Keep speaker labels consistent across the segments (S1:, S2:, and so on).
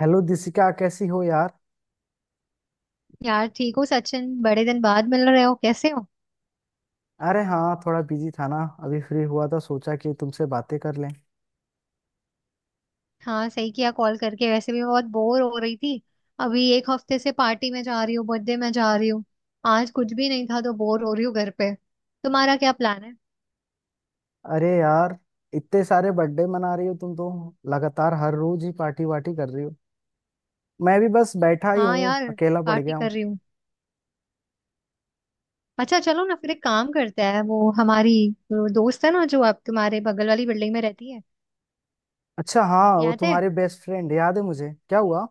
S1: Hello Dishika, कैसी हो यार।
S2: यार ठीक हो सचिन, बड़े दिन बाद मिल रहे हो, कैसे हो।
S1: अरे हाँ, थोड़ा बिजी था ना। अभी फ्री हुआ था, सोचा कि तुमसे बातें कर लें।
S2: हाँ, सही किया कॉल करके, वैसे भी मैं बहुत बोर हो रही थी। अभी एक हफ्ते से पार्टी में जा रही हूँ, बर्थडे में जा रही हूँ। आज कुछ भी नहीं था तो बोर हो रही हूँ घर पे। तुम्हारा क्या प्लान है।
S1: अरे यार, इतने सारे बर्थडे मना रही हो तुम तो। लगातार हर रोज ही पार्टी वार्टी कर रही हो। मैं भी बस बैठा ही
S2: हाँ
S1: हूँ,
S2: यार,
S1: अकेला पड़
S2: पार्टी
S1: गया
S2: कर
S1: हूँ।
S2: रही हूँ। अच्छा, चलो ना फिर, एक काम करते हैं, वो हमारी, वो दोस्त है ना, जो आप तुम्हारे बगल वाली बिल्डिंग में रहती है।
S1: अच्छा हाँ, वो
S2: याद है।
S1: तुम्हारे बेस्ट फ्रेंड, याद है मुझे। क्या हुआ।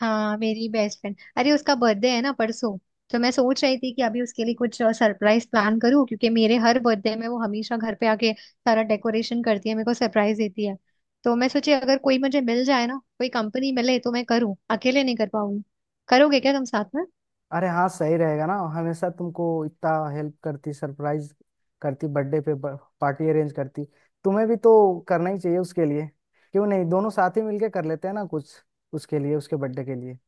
S2: हाँ, मेरी बेस्ट फ्रेंड, अरे उसका बर्थडे है ना परसों। तो मैं सोच रही थी कि अभी उसके लिए कुछ सरप्राइज प्लान करूँ, क्योंकि मेरे हर बर्थडे में वो हमेशा घर पे आके सारा डेकोरेशन करती है, मेरे को सरप्राइज देती है। तो मैं सोची, अगर कोई मुझे मिल जाए ना, कोई कंपनी मिले तो मैं करूँ, अकेले नहीं कर पाऊंगी। करोगे क्या तुम साथ में।
S1: अरे हाँ सही रहेगा ना, हमेशा तुमको इतना हेल्प करती, सरप्राइज करती बर्थडे पे, पार्टी अरेंज करती। तुम्हें भी तो करना ही चाहिए उसके लिए। क्यों नहीं दोनों साथ ही मिलके कर लेते हैं ना कुछ उसके लिए, उसके बर्थडे के लिए।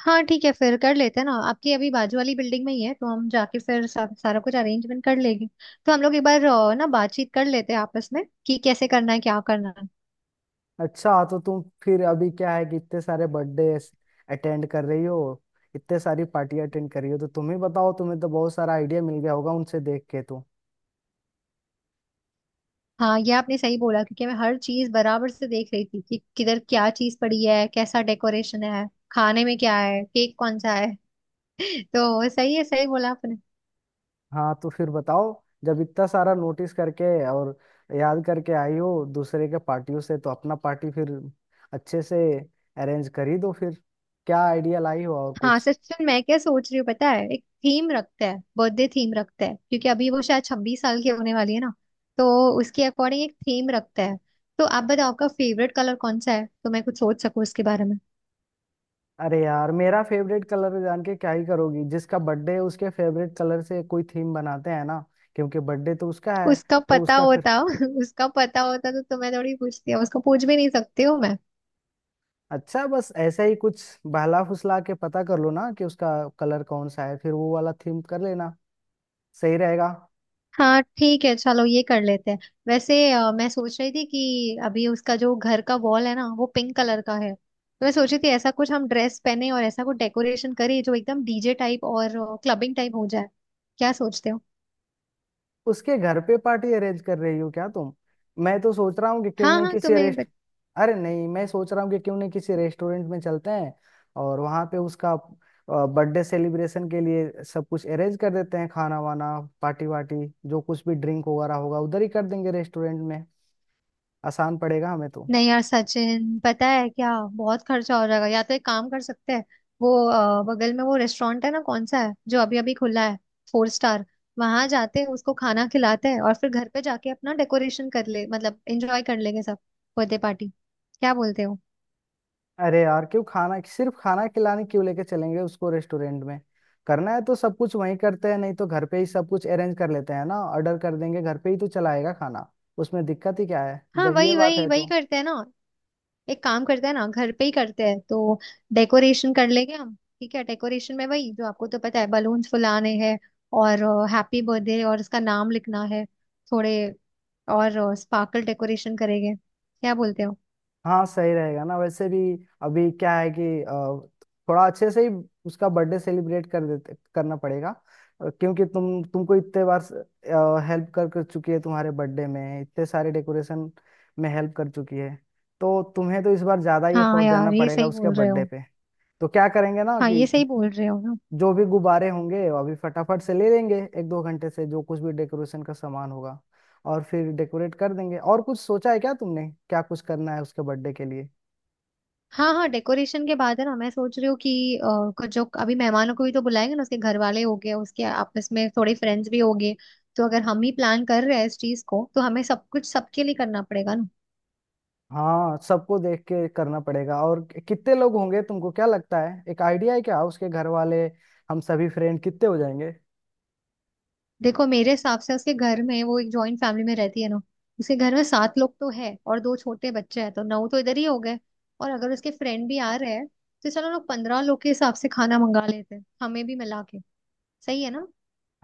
S2: हाँ ठीक है, फिर कर लेते हैं ना। आपकी अभी बाजू वाली बिल्डिंग में ही है, तो हम जाके फिर सारा कुछ अरेंजमेंट कर लेंगे। तो हम लोग एक बार ना बातचीत कर लेते हैं आपस में कि कैसे करना है, क्या करना है।
S1: अच्छा तो तुम फिर अभी क्या है कि इतने सारे बर्थडे अटेंड कर रही हो, इतने सारी पार्टी अटेंड कर रही हो, तो तुम ही बताओ, तुम्हें तो बहुत सारा आइडिया मिल गया होगा उनसे देख के तो।
S2: हाँ, ये आपने सही बोला, क्योंकि मैं हर चीज बराबर से देख रही थी कि किधर क्या चीज पड़ी है, कैसा डेकोरेशन है, खाने में क्या है, केक कौन सा है। तो सही है, सही बोला आपने।
S1: हाँ तो फिर बताओ, जब इतना सारा नोटिस करके और याद करके आई हो दूसरे के पार्टियों से, तो अपना पार्टी फिर अच्छे से अरेंज कर ही दो फिर। क्या आइडिया लाई हो और
S2: हाँ
S1: कुछ।
S2: सचिन, मैं क्या सोच रही हूँ पता है, एक थीम रखते हैं, बर्थडे थीम रखते हैं, क्योंकि अभी वो शायद 26 साल की होने वाली है ना। तो उसके अकॉर्डिंग एक थीम रखते हैं। तो आप बताओ आपका फेवरेट कलर कौन सा है, तो मैं कुछ सोच सकूँ उसके बारे में।
S1: अरे यार मेरा फेवरेट कलर जान के क्या ही करोगी, जिसका बर्थडे है उसके फेवरेट कलर से कोई थीम बनाते हैं ना, क्योंकि बर्थडे तो उसका है।
S2: उसका
S1: तो
S2: पता
S1: उसका फिर
S2: होता, उसका पता होता तो तुम्हें थोड़ी पूछती है। उसको पूछ भी नहीं सकती हूँ।
S1: अच्छा, बस ऐसा ही कुछ बहला फुसला के पता कर लो ना कि उसका कलर कौन सा है, फिर वो वाला थीम कर लेना, सही रहेगा।
S2: हाँ ठीक है, चलो ये कर लेते हैं। वैसे मैं सोच रही थी कि अभी उसका जो घर का वॉल है ना, वो पिंक कलर का है, तो मैं सोच रही थी ऐसा कुछ हम ड्रेस पहने और ऐसा कुछ डेकोरेशन करें जो एकदम डीजे टाइप और क्लबिंग टाइप हो जाए। क्या सोचते हो।
S1: उसके घर पे पार्टी अरेंज कर रही हो क्या तुम। मैं तो सोच रहा हूँ कि क्यों
S2: हाँ
S1: नहीं
S2: हाँ
S1: किसी
S2: तुम्हें,
S1: रेस्ट अरे नहीं, मैं सोच रहा हूँ कि क्यों नहीं किसी रेस्टोरेंट में चलते हैं, और वहां पे उसका बर्थडे सेलिब्रेशन के लिए सब कुछ अरेंज कर देते हैं, खाना वाना, पार्टी वार्टी, जो कुछ भी ड्रिंक वगैरह होगा उधर ही कर देंगे रेस्टोरेंट में, आसान पड़ेगा हमें तो।
S2: नहीं यार सचिन, पता है क्या, बहुत खर्चा हो जाएगा। या तो एक काम कर सकते हैं, वो बगल में वो रेस्टोरेंट है ना, कौन सा है जो अभी अभी खुला है, फोर स्टार। वहां जाते हैं, उसको खाना खिलाते हैं और फिर घर पे जाके अपना डेकोरेशन कर ले, मतलब एंजॉय कर लेंगे सब, बर्थडे पार्टी। क्या बोलते हो।
S1: अरे यार क्यों खाना, सिर्फ खाना खिलाने क्यों लेके चलेंगे उसको रेस्टोरेंट में। करना है तो सब कुछ वहीं करते हैं, नहीं तो घर पे ही सब कुछ अरेंज कर लेते हैं ना, ऑर्डर कर देंगे घर पे ही तो, चलाएगा खाना। उसमें दिक्कत ही क्या है
S2: हाँ,
S1: जब ये
S2: वही
S1: बात
S2: वही
S1: है
S2: वही
S1: तो।
S2: करते हैं ना। एक काम करते हैं ना, घर पे ही करते हैं तो। डेकोरेशन कर लेंगे हम। ठीक है, डेकोरेशन में वही, जो आपको तो पता है, बलून्स फुलाने हैं और हैप्पी बर्थडे और उसका नाम लिखना है, थोड़े और स्पार्कल डेकोरेशन करेंगे। क्या बोलते हो।
S1: हाँ सही रहेगा ना, वैसे भी अभी क्या है कि, थोड़ा अच्छे से ही उसका बर्थडे सेलिब्रेट कर देते, करना पड़ेगा। क्योंकि तुमको इतने बार हेल्प कर कर चुकी है तुम्हारे बर्थडे में, इतने सारे डेकोरेशन में हेल्प कर चुकी है, तो तुम्हें तो इस बार ज्यादा ही
S2: हाँ
S1: एफर्ट देना
S2: यार, ये
S1: पड़ेगा
S2: सही
S1: उसके
S2: बोल रहे
S1: बर्थडे
S2: हो।
S1: पे। तो क्या करेंगे ना
S2: हाँ,
S1: कि
S2: ये सही बोल रहे हो ना।
S1: जो भी गुब्बारे होंगे अभी फटाफट से ले लेंगे, एक दो घंटे से जो कुछ भी डेकोरेशन का सामान होगा, और फिर डेकोरेट कर देंगे। और कुछ सोचा है क्या तुमने, क्या कुछ करना है उसके बर्थडे के लिए।
S2: हाँ हाँ, डेकोरेशन के बाद है ना, मैं सोच रही हूँ कि कुछ जो अभी, मेहमानों को भी तो बुलाएंगे ना, उसके घर वाले हो गए, उसके आपस में थोड़े फ्रेंड्स भी हो गए। तो अगर हम ही प्लान कर रहे हैं इस चीज को, तो हमें सब कुछ सबके लिए करना पड़ेगा ना।
S1: हाँ सबको देख के करना पड़ेगा, और कितने लोग होंगे तुमको क्या लगता है, एक आइडिया है क्या उसके घर वाले, हम सभी फ्रेंड कितने हो जाएंगे।
S2: देखो मेरे हिसाब से, उसके घर में, वो एक जॉइंट फैमिली में रहती है ना, उसके घर में 7 लोग तो है और 2 छोटे बच्चे हैं, तो 9 तो इधर ही हो गए। और अगर उसके फ्रेंड भी आ रहे हैं, तो चलो, लोग 15 लोग के हिसाब से खाना मंगा लेते हैं, हमें भी मिला के। सही है ना।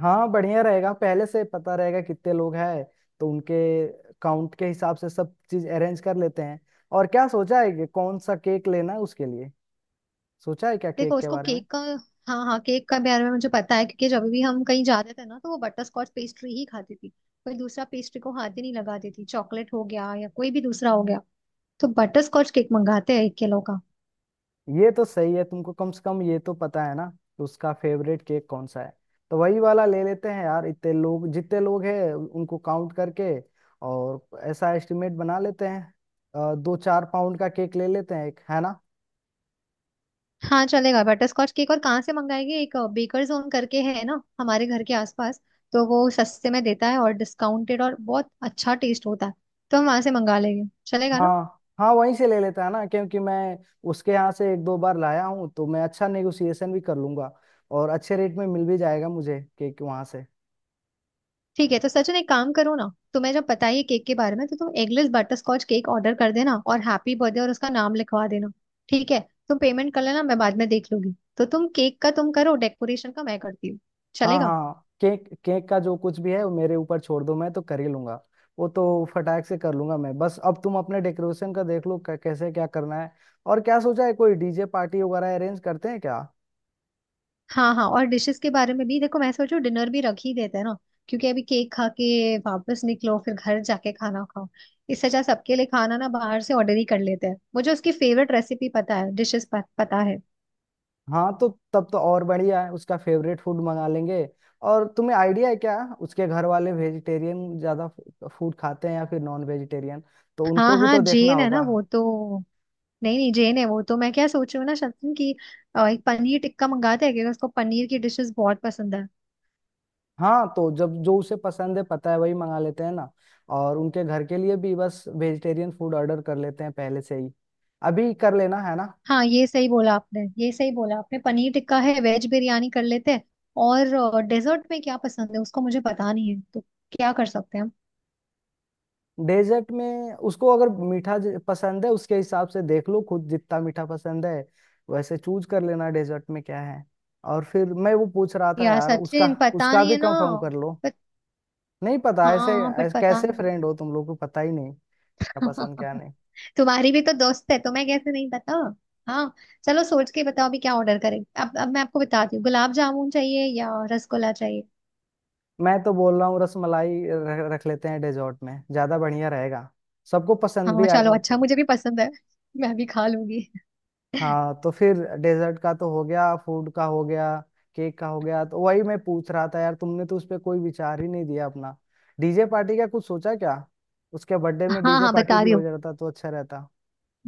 S1: हाँ बढ़िया रहेगा, पहले से पता रहेगा कितने लोग हैं, तो उनके काउंट के हिसाब से सब चीज अरेंज कर लेते हैं। और क्या सोचा है कि कौन सा केक लेना है उसके लिए, सोचा है क्या
S2: देखो
S1: केक के
S2: उसको
S1: बारे में।
S2: केक का, हाँ हाँ केक का बारे में मुझे पता है, क्योंकि जब भी हम कहीं जाते थे ना, तो वो बटर स्कॉच पेस्ट्री ही खाती थी, कोई दूसरा पेस्ट्री को हाथ ही नहीं लगाती थी, चॉकलेट हो गया या कोई भी दूसरा हो गया। तो बटर स्कॉच केक मंगाते हैं, 1 किलो का।
S1: ये तो सही है, तुमको कम से कम ये तो पता है ना कि उसका फेवरेट केक कौन सा है, तो वही वाला ले लेते हैं यार, इतने लोग जितने लोग हैं उनको काउंट करके और ऐसा एस्टिमेट बना लेते हैं, दो चार पाउंड का केक ले लेते हैं एक, है ना।
S2: हाँ चलेगा, बटरस्कॉच केक, और कहाँ से मंगाएगी, एक बेकर जोन करके है ना हमारे घर के आसपास। तो वो सस्ते में देता है और डिस्काउंटेड, और बहुत अच्छा टेस्ट होता है। तो हम वहां से मंगा लेंगे, चलेगा ना।
S1: हाँ हाँ वहीं से ले लेता है ना, क्योंकि मैं उसके यहाँ से एक दो बार लाया हूँ, तो मैं अच्छा नेगोशिएशन भी कर लूंगा और अच्छे रेट में मिल भी जाएगा मुझे केक वहां से।
S2: ठीक है, तो सचिन एक काम करो ना, तुम्हें जब पता ही है केक के बारे में, तो तुम एगलेस बटरस्कॉच केक ऑर्डर कर देना, और हैप्पी बर्थडे और उसका नाम लिखवा देना। ठीक है। तुम पेमेंट कर लेना, मैं बाद में देख लूंगी। तो तुम केक का, तुम करो, डेकोरेशन का मैं करती हूँ।
S1: हाँ
S2: चलेगा।
S1: हाँ, केक केक का जो कुछ भी है वो मेरे ऊपर छोड़ दो, मैं तो कर ही लूंगा वो तो, फटाक से कर लूंगा मैं। बस अब तुम अपने डेकोरेशन का देख लो कैसे क्या करना है। और क्या सोचा है, कोई डीजे पार्टी वगैरह अरेंज करते हैं क्या।
S2: हाँ हाँ, और डिशेस के बारे में भी देखो, मैं सोचू डिनर भी रख ही देते हैं ना, क्योंकि अभी केक खा के वापस निकलो, फिर घर जाके खाना खाओ। इससे अच्छा सबके लिए खाना ना बाहर से ऑर्डर ही कर लेते हैं, मुझे उसकी फेवरेट रेसिपी पता है, डिशेस पता है।
S1: हाँ तो तब तो और बढ़िया है, उसका फेवरेट फूड मंगा लेंगे। और तुम्हें आइडिया है क्या, उसके घर वाले वेजिटेरियन ज्यादा फूड खाते हैं या फिर नॉन वेजिटेरियन, तो
S2: हाँ
S1: उनको भी
S2: हाँ
S1: तो देखना
S2: जेन है ना
S1: होगा।
S2: वो तो, नहीं नहीं जेन है वो तो। मैं क्या सोच रही हूँ ना शक्ति, कि एक पनीर टिक्का मंगाते हैं, क्योंकि उसको पनीर की डिशेस बहुत पसंद है।
S1: हाँ तो जब जो उसे पसंद है पता है, वही मंगा लेते हैं ना, और उनके घर के लिए भी बस वेजिटेरियन फूड ऑर्डर कर लेते हैं पहले से ही, अभी कर लेना है ना।
S2: हाँ, ये सही बोला आपने, ये सही बोला आपने। पनीर टिक्का है, वेज बिरयानी कर लेते हैं। और डेजर्ट में क्या पसंद है उसको, मुझे पता नहीं है, तो क्या कर सकते हैं हम।
S1: डेजर्ट में उसको अगर मीठा पसंद है, उसके हिसाब से देख लो, खुद जितना मीठा पसंद है वैसे चूज कर लेना, डेजर्ट में क्या है। और फिर मैं वो पूछ रहा था
S2: यार
S1: यार उसका,
S2: सचिन पता
S1: उसका
S2: नहीं
S1: भी
S2: है ना।
S1: कंफर्म कर लो,
S2: बट,
S1: नहीं पता। ऐसे,
S2: हाँ बट
S1: ऐसे
S2: पता
S1: कैसे
S2: नहीं।
S1: फ्रेंड हो तुम लोग, को पता ही नहीं क्या पसंद क्या नहीं।
S2: तुम्हारी भी तो दोस्त है, तुम्हें कैसे नहीं पता। हाँ, चलो सोच के बताओ अभी क्या ऑर्डर करें। अब मैं आपको बताती हूँ, गुलाब जामुन चाहिए या रसगुल्ला चाहिए।
S1: मैं तो बोल रहा हूँ रसमलाई रख रख लेते हैं डेजर्ट में, ज्यादा बढ़िया रहेगा, सबको पसंद भी
S2: हाँ
S1: आएगा
S2: चलो
S1: वो
S2: अच्छा,
S1: तो।
S2: मुझे भी पसंद है, मैं भी खा लूंगी।
S1: हाँ तो फिर डेजर्ट का तो हो गया, फूड का हो गया, केक का हो गया, तो वही मैं पूछ रहा था यार, तुमने तो उस पर कोई विचार ही नहीं दिया अपना, डीजे पार्टी का कुछ सोचा क्या, उसके बर्थडे में
S2: हाँ
S1: डीजे
S2: हाँ
S1: पार्टी
S2: बता
S1: भी
S2: रही
S1: हो
S2: हूँ।
S1: जाता तो अच्छा रहता।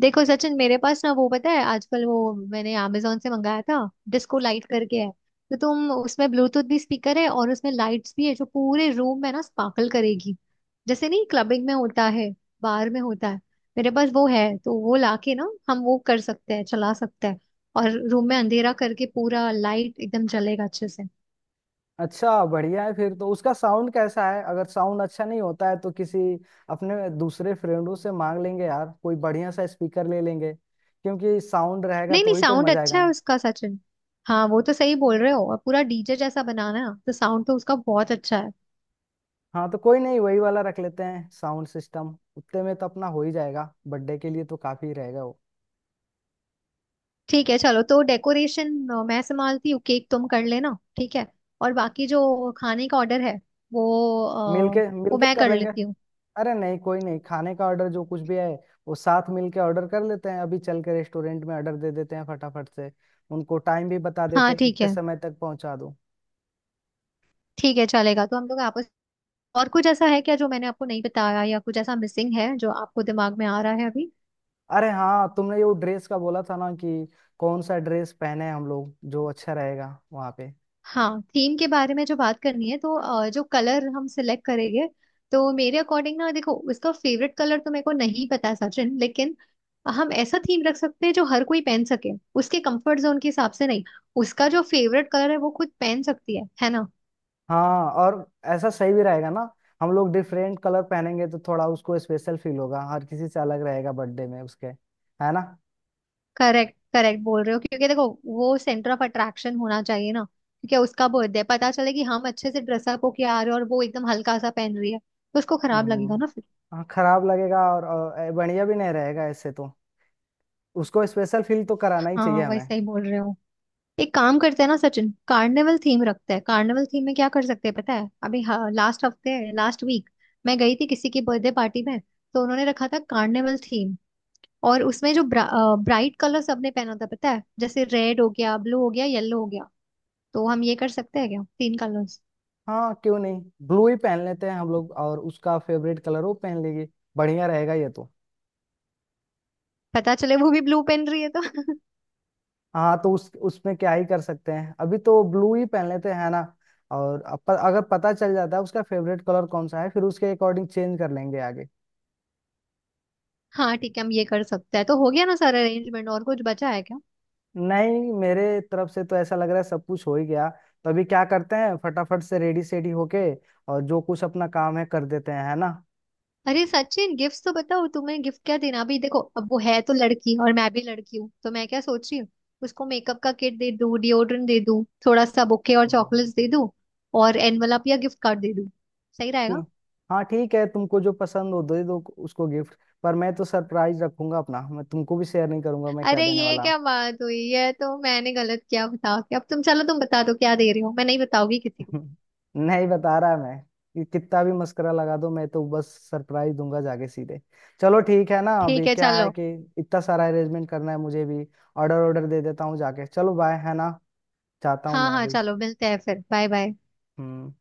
S2: देखो सचिन, मेरे पास ना वो, पता है आजकल वो, मैंने amazon से मंगाया था, डिस्को लाइट करके है। तो तुम उसमें ब्लूटूथ भी स्पीकर है, और उसमें लाइट्स भी है जो पूरे रूम में ना स्पार्कल करेगी, जैसे नहीं क्लबिंग में होता है, बार में होता है। मेरे पास वो है, तो वो लाके ना हम वो कर सकते हैं, चला सकते हैं। और रूम में अंधेरा करके पूरा लाइट एकदम जलेगा अच्छे से।
S1: अच्छा बढ़िया है फिर तो, उसका साउंड कैसा है? अगर साउंड अच्छा नहीं होता है तो किसी अपने दूसरे फ्रेंडों से मांग लेंगे यार, कोई बढ़िया सा स्पीकर ले लेंगे, क्योंकि साउंड रहेगा
S2: नहीं
S1: तो
S2: नहीं,
S1: ही तो
S2: साउंड
S1: मजा आएगा
S2: अच्छा है
S1: ना।
S2: उसका सचिन। हाँ वो तो सही बोल रहे हो, और पूरा डीजे जैसा बनाना है, तो साउंड तो उसका बहुत अच्छा है।
S1: हाँ तो कोई नहीं, वही वाला रख लेते हैं साउंड सिस्टम, उतने में तो अपना हो ही जाएगा, बर्थडे के लिए तो काफी रहेगा वो।
S2: ठीक है चलो, तो डेकोरेशन मैं संभालती हूँ, केक तुम कर लेना। ठीक है। और बाकी जो खाने का ऑर्डर है, वो अ,
S1: मिलके
S2: वो
S1: मिलके
S2: मैं
S1: कर
S2: कर
S1: लेंगे।
S2: लेती हूँ।
S1: अरे नहीं कोई नहीं, खाने का ऑर्डर जो कुछ भी है वो साथ मिलके ऑर्डर कर लेते हैं, अभी चल के रेस्टोरेंट में ऑर्डर दे देते हैं फटाफट से, उनको टाइम भी बता
S2: हाँ
S1: देते हैं
S2: ठीक
S1: कितने
S2: है,
S1: समय तक पहुंचा दो।
S2: ठीक है चलेगा। तो हम लोग आपस, और कुछ ऐसा है क्या जो मैंने आपको नहीं बताया, या कुछ ऐसा मिसिंग है जो आपको दिमाग में आ रहा है अभी।
S1: अरे हाँ, तुमने वो ड्रेस का बोला था ना कि कौन सा ड्रेस पहने हम लोग जो अच्छा रहेगा वहाँ पे।
S2: हाँ, थीम के बारे में जो बात करनी है, तो जो कलर हम सिलेक्ट करेंगे, तो मेरे अकॉर्डिंग ना देखो, उसका फेवरेट कलर तो मेरे को नहीं पता सचिन, लेकिन हम ऐसा थीम रख सकते हैं जो हर कोई पहन सके, उसके कंफर्ट जोन के हिसाब से। नहीं, उसका जो फेवरेट कलर है वो खुद पहन सकती है ना।
S1: हाँ और ऐसा सही भी रहेगा ना, हम लोग डिफरेंट कलर पहनेंगे तो थोड़ा उसको स्पेशल फील होगा, हर किसी से अलग रहेगा बर्थडे में उसके, है ना।
S2: करेक्ट करेक्ट बोल रहे हो, क्योंकि देखो वो सेंटर ऑफ अट्रैक्शन होना चाहिए ना, क्योंकि उसका बर्थडे, पता चले कि हम अच्छे से ड्रेसअप होके आ रहे हैं और वो एकदम हल्का सा पहन रही है, तो उसको खराब लगेगा
S1: हम्म।
S2: ना फिर।
S1: हाँ खराब लगेगा, और बढ़िया भी नहीं रहेगा ऐसे तो, उसको स्पेशल फील तो कराना ही
S2: हाँ,
S1: चाहिए हमें।
S2: वैसा ही बोल रहे हो। एक काम करते हैं ना सचिन, कार्निवल थीम रखते हैं, कार्निवल थीम में क्या कर सकते हैं पता है, अभी लास्ट हफ्ते, लास्ट वीक मैं गई थी किसी की बर्थडे पार्टी में, तो उन्होंने रखा था कार्निवल थीम, और उसमें जो ब्राइट कलर सबने पहना था, पता है, जैसे रेड हो गया, ब्लू हो गया, येलो हो गया। तो हम ये कर सकते हैं क्या, 3 कलर्स।
S1: हाँ क्यों नहीं, ब्लू ही पहन लेते हैं हम लोग और उसका फेवरेट कलर वो पहन लेगी, बढ़िया रहेगा ये तो।
S2: पता चले वो भी ब्लू पहन रही है तो।
S1: हाँ तो उस उसमें क्या ही कर सकते हैं, अभी तो ब्लू ही पहन लेते हैं ना, और अब अगर पता चल जाता है उसका फेवरेट कलर कौन सा है, फिर उसके अकॉर्डिंग चेंज कर लेंगे आगे।
S2: हाँ ठीक है, हम ये कर सकते हैं। तो हो गया ना सारा अरेंजमेंट, और कुछ बचा है क्या।
S1: नहीं मेरे तरफ से तो ऐसा लग रहा है सब कुछ हो ही गया, तो अभी क्या करते हैं फटाफट से रेडी सेडी होके और जो कुछ अपना काम है कर देते हैं, है ना।
S2: अरे सचिन, गिफ्ट तो बताओ, तुम्हें गिफ्ट क्या देना। अभी देखो, अब वो है तो लड़की और मैं भी लड़की हूँ, तो मैं क्या सोच रही हूँ, उसको मेकअप का किट दे दूँ, डिओड्रेंट दे दूँ, थोड़ा सा बुके और
S1: हम्म।
S2: चॉकलेट्स दे दूँ, और एनवलप या गिफ्ट कार्ड दे दूँ। सही रहेगा।
S1: ठीक- हाँ ठीक है, तुमको जो पसंद हो दे दो उसको गिफ्ट, पर मैं तो सरप्राइज रखूंगा अपना, मैं तुमको भी शेयर नहीं करूंगा मैं क्या
S2: अरे
S1: देने
S2: ये
S1: वाला हूँ।
S2: क्या बात हुई, है तो मैंने गलत किया, बताओ कि अब तुम, चलो तुम बता दो क्या दे रहे हो, मैं नहीं बताऊंगी किसी को।
S1: नहीं बता रहा मैं, कि कितना भी मस्करा लगा दो मैं तो बस सरप्राइज दूंगा जाके सीधे। चलो ठीक है ना,
S2: ठीक
S1: अभी
S2: है
S1: क्या है
S2: चलो।
S1: कि इतना सारा अरेंजमेंट करना है मुझे भी, ऑर्डर ऑर्डर दे देता हूँ जाके, चलो बाय, है ना, जाता हूँ
S2: हाँ
S1: मैं
S2: हाँ,
S1: अभी।
S2: चलो मिलते हैं फिर, बाय बाय।
S1: हम्म।